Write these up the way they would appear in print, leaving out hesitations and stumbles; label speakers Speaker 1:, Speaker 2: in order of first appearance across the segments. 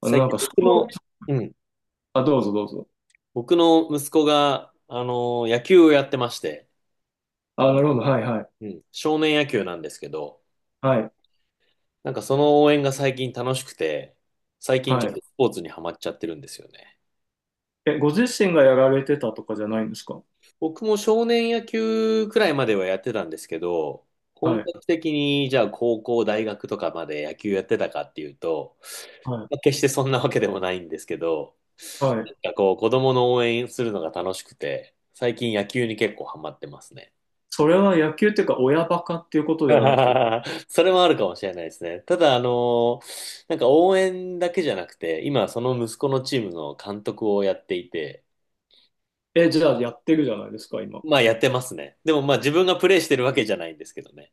Speaker 1: 最
Speaker 2: なん
Speaker 1: 近
Speaker 2: か、ス
Speaker 1: 僕
Speaker 2: ポ
Speaker 1: の、
Speaker 2: ーツ、
Speaker 1: うん、
Speaker 2: あ、どうぞどうぞ。
Speaker 1: 僕の息子が、野球をやってまして、
Speaker 2: あ、なるほど。はい、はい。
Speaker 1: うん、少年野球なんですけど、
Speaker 2: はい、
Speaker 1: なんかその応援が最近楽しくて、最近ち
Speaker 2: は
Speaker 1: ょっ
Speaker 2: い。
Speaker 1: とスポーツにはまっちゃってるんですよね。
Speaker 2: え、ご自身がやられてたとかじゃないんですか？
Speaker 1: 僕も少年野球くらいまではやってたんですけど、
Speaker 2: は
Speaker 1: 本
Speaker 2: い、
Speaker 1: 格的にじゃあ高校、大学とかまで野球やってたかっていうと、
Speaker 2: は
Speaker 1: まあ決してそんなわけでもないんですけど、
Speaker 2: い、はい。
Speaker 1: なんかこう子供の応援するのが楽しくて、最近野球に結構ハマってますね。
Speaker 2: それは野球っていうか、親バカっていうこ とではなくて、
Speaker 1: それもあるかもしれないですね。ただ、なんか応援だけじゃなくて、今その息子のチームの監督をやっていて、
Speaker 2: え、じゃあやってるじゃないですか、今。
Speaker 1: まあやってますね。でもまあ自分がプレイしてるわけじゃないんですけどね。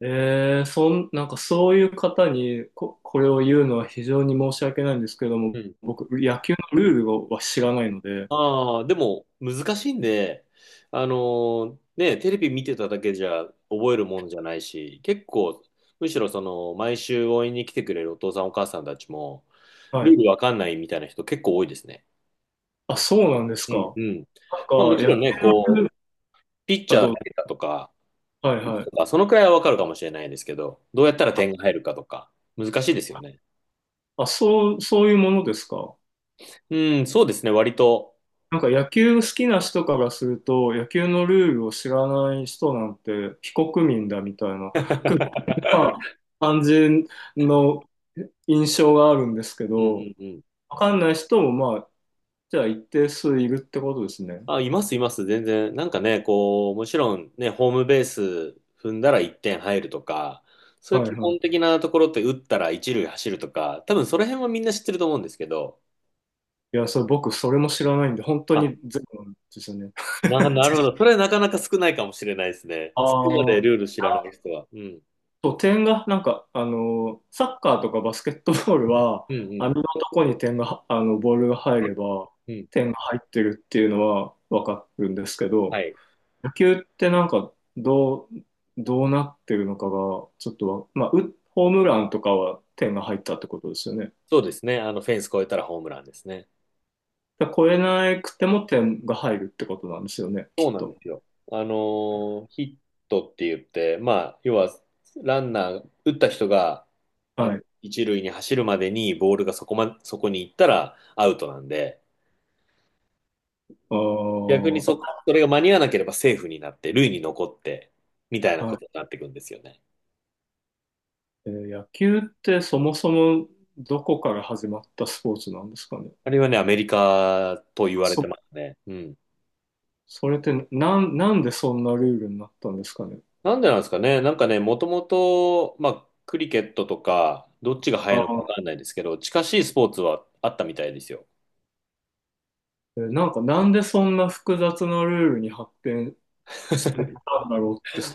Speaker 2: なんかそういう方にこれを言うのは非常に申し訳ないんですけれど
Speaker 1: う
Speaker 2: も、
Speaker 1: ん。
Speaker 2: 僕、野球のルールをは知らないので、
Speaker 1: ああ、でも難しいんで、あのね、テレビ見てただけじゃ覚えるもんじゃないし、結構、むしろその、毎週応援に来てくれるお父さんお母さんたちも、
Speaker 2: は
Speaker 1: ル
Speaker 2: い。
Speaker 1: ールわかんないみたいな人結構多いですね。
Speaker 2: あ、そうなんです
Speaker 1: うん
Speaker 2: か。
Speaker 1: うん。
Speaker 2: なんか、
Speaker 1: まあもち
Speaker 2: 野
Speaker 1: ろ
Speaker 2: 球
Speaker 1: んね、
Speaker 2: のルー
Speaker 1: こ
Speaker 2: ル
Speaker 1: う、ピッチ
Speaker 2: は
Speaker 1: ャー
Speaker 2: ど
Speaker 1: 投
Speaker 2: う、
Speaker 1: げたとか、
Speaker 2: はいはい。
Speaker 1: そのくらいはわかるかもしれないですけど、どうやったら点が入るかとか、難しいですよね。
Speaker 2: あ、そう、そういうものですか。
Speaker 1: うん、そうですね、割と。
Speaker 2: なんか野球好きな人からすると、野球のルールを知らない人なんて非国民だみたいな、くまあ 感じの印象があるんですけ
Speaker 1: うんう
Speaker 2: ど、
Speaker 1: んうん。
Speaker 2: わかんない人もまあ、じゃあ一定数いるってことですね。
Speaker 1: あ、います、います、全然。なんかね、こう、もちろんね、ホームベース踏んだら1点入るとか、そういう
Speaker 2: はい
Speaker 1: 基
Speaker 2: はい。
Speaker 1: 本的なところって打ったら1塁走るとか、多分その辺はみんな知ってると思うんですけど、
Speaker 2: いや、それ僕それも知らないんで、本当
Speaker 1: あ、
Speaker 2: にゼロなんですよね。
Speaker 1: なるほ ど。それはなかなか少ないかもしれないですね。
Speaker 2: あ
Speaker 1: そこまでルー
Speaker 2: あ。
Speaker 1: ル知らない人は。うん。
Speaker 2: そう、点が、なんか、サッカーとかバスケットボールは、
Speaker 1: うん
Speaker 2: 網のとこに点が、ボールが入れば、
Speaker 1: うん。うん。
Speaker 2: 点が入ってるっていうのはわかるんですけ
Speaker 1: は
Speaker 2: ど、
Speaker 1: い。
Speaker 2: 野球ってなんか、どうなってるのかが、ちょっとわ、まあ、ホームランとかは点が入ったってことですよね。
Speaker 1: そうですね。あの、フェンス越えたらホームランですね。
Speaker 2: だから超えなくても点が入るってことなんですよね、
Speaker 1: そ
Speaker 2: き
Speaker 1: う
Speaker 2: っ
Speaker 1: なんで
Speaker 2: と。
Speaker 1: すよ。ヒットって言って、まあ、要は、ランナー、打った人が、あ
Speaker 2: は
Speaker 1: の、
Speaker 2: い。
Speaker 1: 一塁に走るまでにボールがそこに行ったらアウトなんで、
Speaker 2: あ
Speaker 1: 逆に
Speaker 2: ー
Speaker 1: それが間に合わなければセーフになって、塁に残って、みたいな
Speaker 2: あ、は
Speaker 1: ことに
Speaker 2: い。
Speaker 1: なってくんですよね。
Speaker 2: 野球ってそもそもどこから始まったスポーツなんですかね。
Speaker 1: あれはね、アメリカと言
Speaker 2: あ
Speaker 1: われて
Speaker 2: そ
Speaker 1: ますね。うん。
Speaker 2: それってなんでそんなルールになったんですかね。
Speaker 1: なんでなんですかね。なんかね、もともと、まあ、クリケットとか、どっちが
Speaker 2: あ
Speaker 1: 早いのか
Speaker 2: ー、
Speaker 1: わかんないですけど、近しいスポーツはあったみたいですよ。
Speaker 2: なんかなんでそんな複雑なルールに発展していっ たんだろうって不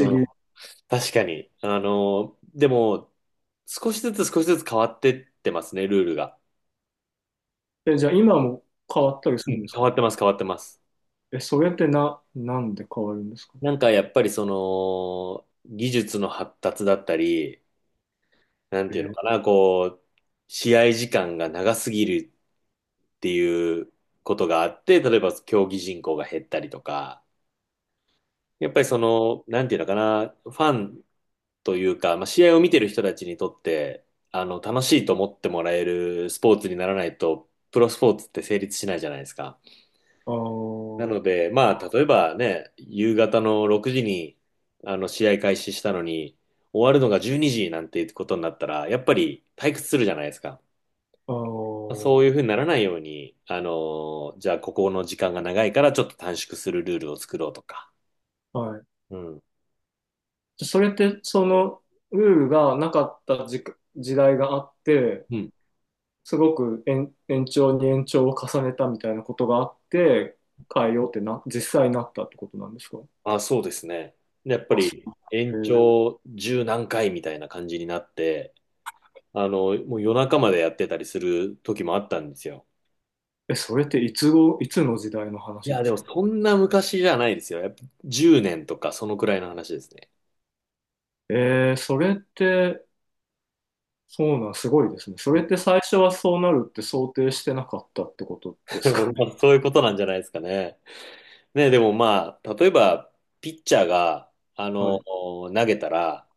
Speaker 2: 思
Speaker 1: ん。
Speaker 2: 議。
Speaker 1: 確かに。あの、でも、少しずつ少しずつ変わってってますね、ルールが。
Speaker 2: え、じゃあ今も変わったり
Speaker 1: う
Speaker 2: するん
Speaker 1: ん、
Speaker 2: です
Speaker 1: 変
Speaker 2: か？
Speaker 1: わってます、変わってます。
Speaker 2: え、それってなんで変わるんですか？
Speaker 1: なんかやっぱりその、技術の発達だったり、なん
Speaker 2: え
Speaker 1: ていうの
Speaker 2: ー、
Speaker 1: かな、こう、試合時間が長すぎるっていうことがあって、例えば競技人口が減ったりとか、やっぱりその、なんていうのかな、ファンというか、まあ、試合を見てる人たちにとって、あの、楽しいと思ってもらえるスポーツにならないと、プロスポーツって成立しないじゃないですか。
Speaker 2: あ
Speaker 1: な
Speaker 2: ー、
Speaker 1: ので、まあ、例えばね、夕方の6時に、あの、試合開始したのに、終わるのが12時なんていうことになったら、やっぱり退屈するじゃないですか。
Speaker 2: あー、
Speaker 1: そういうふうにならないように、あの、じゃあここの時間が長いからちょっと短縮するルールを作ろうとか。
Speaker 2: はい。
Speaker 1: うん。
Speaker 2: じゃあそれってそのルールがなかった時代があって、
Speaker 1: うん、
Speaker 2: すごく延長に延長を重ねたみたいなことがあって、変えようって実際になったってことなんですか？
Speaker 1: あ、そうですね。でやっぱ
Speaker 2: あ、そ
Speaker 1: り
Speaker 2: う。
Speaker 1: 延
Speaker 2: えー
Speaker 1: 長十何回みたいな感じになって、あの、もう夜中までやってたりする時もあったんですよ。
Speaker 2: え、それっていつの時代の
Speaker 1: い
Speaker 2: 話
Speaker 1: や、
Speaker 2: で
Speaker 1: で
Speaker 2: す
Speaker 1: も
Speaker 2: か？
Speaker 1: そんな昔じゃないですよ。やっぱ10年とかそのくらいの話ですね。
Speaker 2: それって、そうなん、すごいですね。それって最初はそうなるって想定してなかったってことですか ね。
Speaker 1: まあそういうことなんじゃないですかね。ね、でもまあ、例えば、ピッチャーが、あ
Speaker 2: は
Speaker 1: の、
Speaker 2: い、
Speaker 1: 投げたら、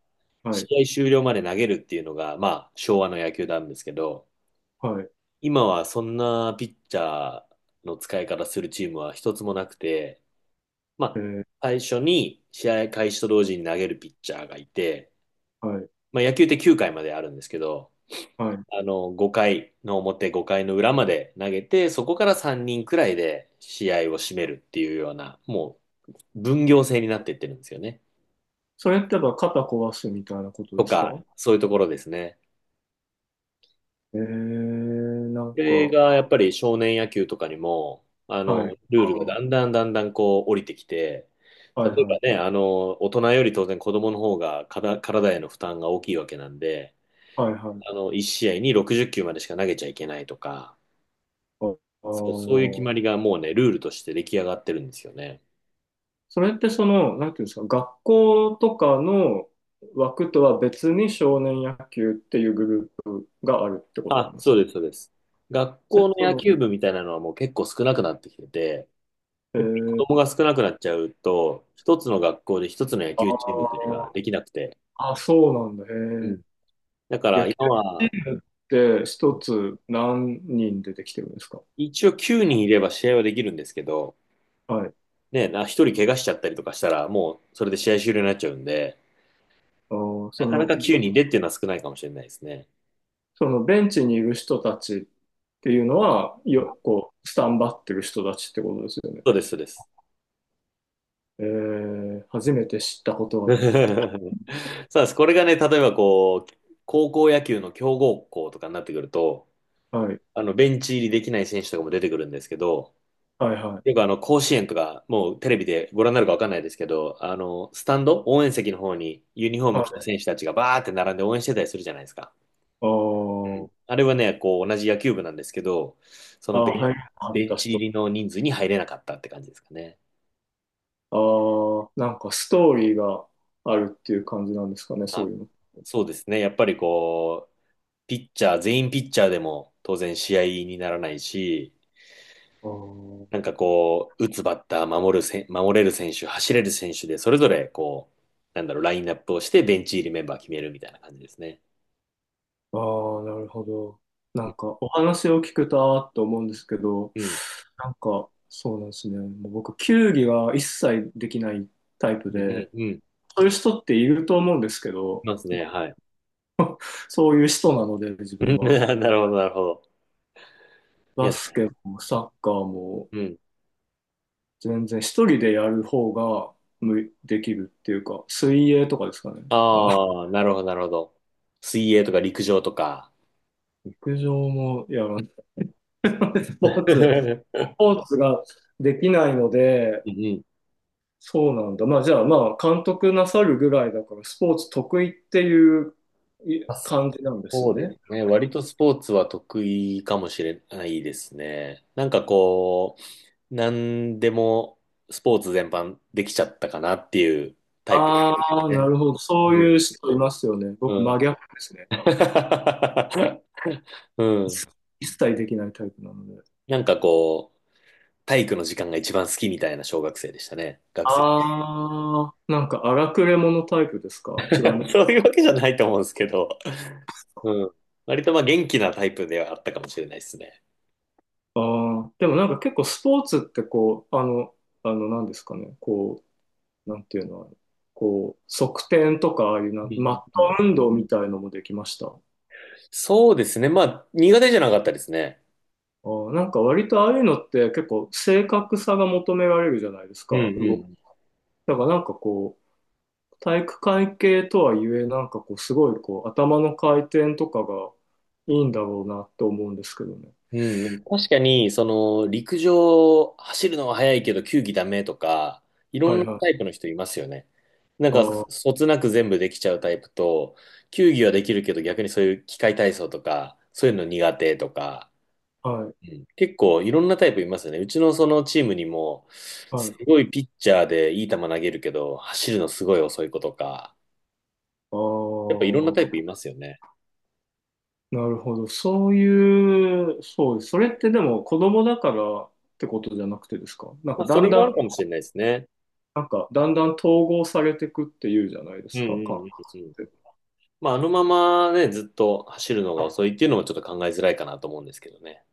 Speaker 2: はい、
Speaker 1: 試合終了まで投げるっていうのが、まあ、昭和の野球なんですけど、
Speaker 2: はい、
Speaker 1: 今はそんなピッチャーの使い方するチームは一つもなくて、
Speaker 2: え
Speaker 1: まあ、
Speaker 2: ー、
Speaker 1: 最初に試合開始と同時に投げるピッチャーがいて、
Speaker 2: はい、
Speaker 1: まあ、野球って9回まであるんですけど、
Speaker 2: はい。
Speaker 1: あの、5回の表、5回の裏まで投げて、そこから3人くらいで試合を締めるっていうような、もう分業制になっていってるんですよね。
Speaker 2: それってやっぱ肩壊すみたいなこと
Speaker 1: と
Speaker 2: です
Speaker 1: か、
Speaker 2: か？
Speaker 1: そういうところですね。
Speaker 2: えー、なん
Speaker 1: これ
Speaker 2: か、
Speaker 1: がやっぱり少年野球とかにも、あ
Speaker 2: はい、
Speaker 1: の、
Speaker 2: あ
Speaker 1: ルールがだん
Speaker 2: ー、
Speaker 1: だんだんだんこう降りてきて、
Speaker 2: はい、
Speaker 1: 例え
Speaker 2: は
Speaker 1: ば
Speaker 2: い、
Speaker 1: ね、あの、大人より当然子供の方が体への負担が大きいわけなんで、
Speaker 2: はい、は
Speaker 1: あ
Speaker 2: い、
Speaker 1: の、1試合に60球までしか投げちゃいけないとか、
Speaker 2: ああ
Speaker 1: そういう決ま
Speaker 2: ー。
Speaker 1: りがもうね、ルールとして出来上がってるんですよね。
Speaker 2: それってその、なんていうんですか、学校とかの枠とは別に少年野球っていうグループがあるってことな
Speaker 1: あ、
Speaker 2: んです
Speaker 1: そ
Speaker 2: か？
Speaker 1: うです、そうです。学
Speaker 2: それ
Speaker 1: 校の
Speaker 2: と
Speaker 1: 野
Speaker 2: も、
Speaker 1: 球部みたいなのはもう結構少なくなってきてて、
Speaker 2: え
Speaker 1: やっぱり子
Speaker 2: ー、
Speaker 1: 供が少なくなっちゃうと、一つの学校で一つの野
Speaker 2: あ
Speaker 1: 球チームっていうのが
Speaker 2: ー
Speaker 1: できなくて、
Speaker 2: あ、そうなんだ、
Speaker 1: う
Speaker 2: へ
Speaker 1: ん。だか
Speaker 2: え。野
Speaker 1: ら今
Speaker 2: 球チ
Speaker 1: は、
Speaker 2: ームって一つ何人出てきてるんですか？
Speaker 1: 一応9人いれば試合はできるんですけど、
Speaker 2: はい。
Speaker 1: 1人怪我しちゃったりとかしたら、もうそれで試合終了になっちゃうんで、
Speaker 2: あー、
Speaker 1: なかなか9人でっていうのは少ないかもしれないですね。
Speaker 2: そのベンチにいる人たちっていうのは、
Speaker 1: うん、
Speaker 2: こう、スタンバってる人たちってことですよね。
Speaker 1: そうです、そうです。
Speaker 2: えー、初めて知ったこと
Speaker 1: そうです。これがね、例えばこう、高校野球の強豪校とかになってくると、
Speaker 2: が、はい、
Speaker 1: あの、ベンチ入りできない選手とかも出てくるんですけど、
Speaker 2: はい、はい。
Speaker 1: よくあの、甲子園とか、もうテレビでご覧になるかわかんないですけど、あの、スタンド、応援席の方にユニフォーム着た選手たちがバーって並んで応援してたりするじゃないですか。
Speaker 2: あ
Speaker 1: うん、
Speaker 2: ー
Speaker 1: あれはね、こう、同じ野球部なんですけど、そ
Speaker 2: あ
Speaker 1: の
Speaker 2: ー、
Speaker 1: ベ
Speaker 2: はい。
Speaker 1: ン、
Speaker 2: な
Speaker 1: ベンチ入りの人数に入れなかったって感じですかね。
Speaker 2: ああ、なんかストーリーがあるっていう感じなんですかね、そう
Speaker 1: あ、
Speaker 2: いう
Speaker 1: そうですね。やっぱりこう、ピッチャー、全員ピッチャーでも当然試合にならないし、
Speaker 2: の。
Speaker 1: なんかこう、打つバッター、守れる選手、走れる選手で、それぞれこう、なんだろう、ラインナップをして、ベンチ入りメンバー決めるみたいな感じですね。
Speaker 2: あーあー、なるほど。な
Speaker 1: うん、
Speaker 2: んかお話を聞くとあーって思うんですけど、
Speaker 1: うん、
Speaker 2: なんかそうなんですね。もう僕、球技は一切できないタイプ
Speaker 1: うん、
Speaker 2: で、
Speaker 1: うん。うん、
Speaker 2: そういう人っていると思うんですけ
Speaker 1: い
Speaker 2: ど、
Speaker 1: ますね、はい。
Speaker 2: そういう人なので、自分 は。
Speaker 1: なるほど、なるほど。いや、
Speaker 2: バスケもサッカーも、
Speaker 1: うん。
Speaker 2: 全然一人でやる方ができるっていうか、水泳とかですかね。あ、
Speaker 1: ああ、なるほど、なるほど。水泳とか陸上とか。
Speaker 2: 陸上もやらない。ス ポーツ、
Speaker 1: うん
Speaker 2: スポーツができないので、
Speaker 1: うん、
Speaker 2: そうなんだ。まあじゃあまあ監督なさるぐらいだからスポーツ得意っていう
Speaker 1: あ、
Speaker 2: 感じなんですよ
Speaker 1: そうで
Speaker 2: ね。
Speaker 1: すね。割とスポーツは得意かもしれないですね。なんかこう、なんでもスポーツ全般できちゃったかなっていうタイプで
Speaker 2: あ
Speaker 1: す
Speaker 2: あ、な
Speaker 1: ね。
Speaker 2: るほど。そう
Speaker 1: う
Speaker 2: いう
Speaker 1: ん。
Speaker 2: 人いますよね。
Speaker 1: う
Speaker 2: 僕
Speaker 1: ん。
Speaker 2: 真逆ですね。
Speaker 1: うん。
Speaker 2: 一一切できないタイプなので。
Speaker 1: なんかこう、体育の時間が一番好きみたいな小学生でしたね。学生。
Speaker 2: ああ、なんか荒くれ者タイプですか？
Speaker 1: そういうわけじゃないと思うんですけど。うん。割とまあ元気なタイプではあったかもしれないですね。
Speaker 2: ああ、でもなんか結構スポーツってこう、なんですかね、こう、なんていうの、あれこう、側転とか、ああいうな、
Speaker 1: うん
Speaker 2: マッ
Speaker 1: うんう
Speaker 2: ト
Speaker 1: ん、
Speaker 2: 運動みたいのもできました。
Speaker 1: そうですね。まあ苦手じゃなかったですね。
Speaker 2: ああ、なんか割とああいうのって結構正確さが求められるじゃないです
Speaker 1: う
Speaker 2: か、
Speaker 1: んう
Speaker 2: 動き。
Speaker 1: ん。
Speaker 2: だからなんかこう、体育会系とはいえ、なんかこう、すごいこう、頭の回転とかがいいんだろうなって思うんですけどね。
Speaker 1: うん、確かに、その、陸上、走るのは速いけど、球技ダメとか、いろん
Speaker 2: は
Speaker 1: な
Speaker 2: いは
Speaker 1: タ
Speaker 2: い。
Speaker 1: イプの人いますよね。なんか、
Speaker 2: あ
Speaker 1: そつなく全部できちゃうタイプと、球技はできるけど、逆にそういう機械体操とか、そういうの苦手とか、う
Speaker 2: あ、はい、
Speaker 1: ん、結構いろんなタイプいますよね。うちのそのチームにも、
Speaker 2: は
Speaker 1: す
Speaker 2: い。
Speaker 1: ごいピッチャーでいい球投げるけど、走るのすごい遅い子とか、
Speaker 2: あ
Speaker 1: やっぱいろんなタイ
Speaker 2: あ。
Speaker 1: プいますよね。
Speaker 2: なるほど。そういう、そうです、それってでも子供だからってことじゃなくてですか？
Speaker 1: まあ、それもあるかもしれないですね。
Speaker 2: なんかだんだん統合されていくっていうじゃないで
Speaker 1: うん
Speaker 2: す
Speaker 1: う
Speaker 2: か、感覚
Speaker 1: んうんうん。
Speaker 2: って。
Speaker 1: まあ、あのままね、ずっと走るのが遅いっていうのもちょっと考えづらいかなと思うんですけどね。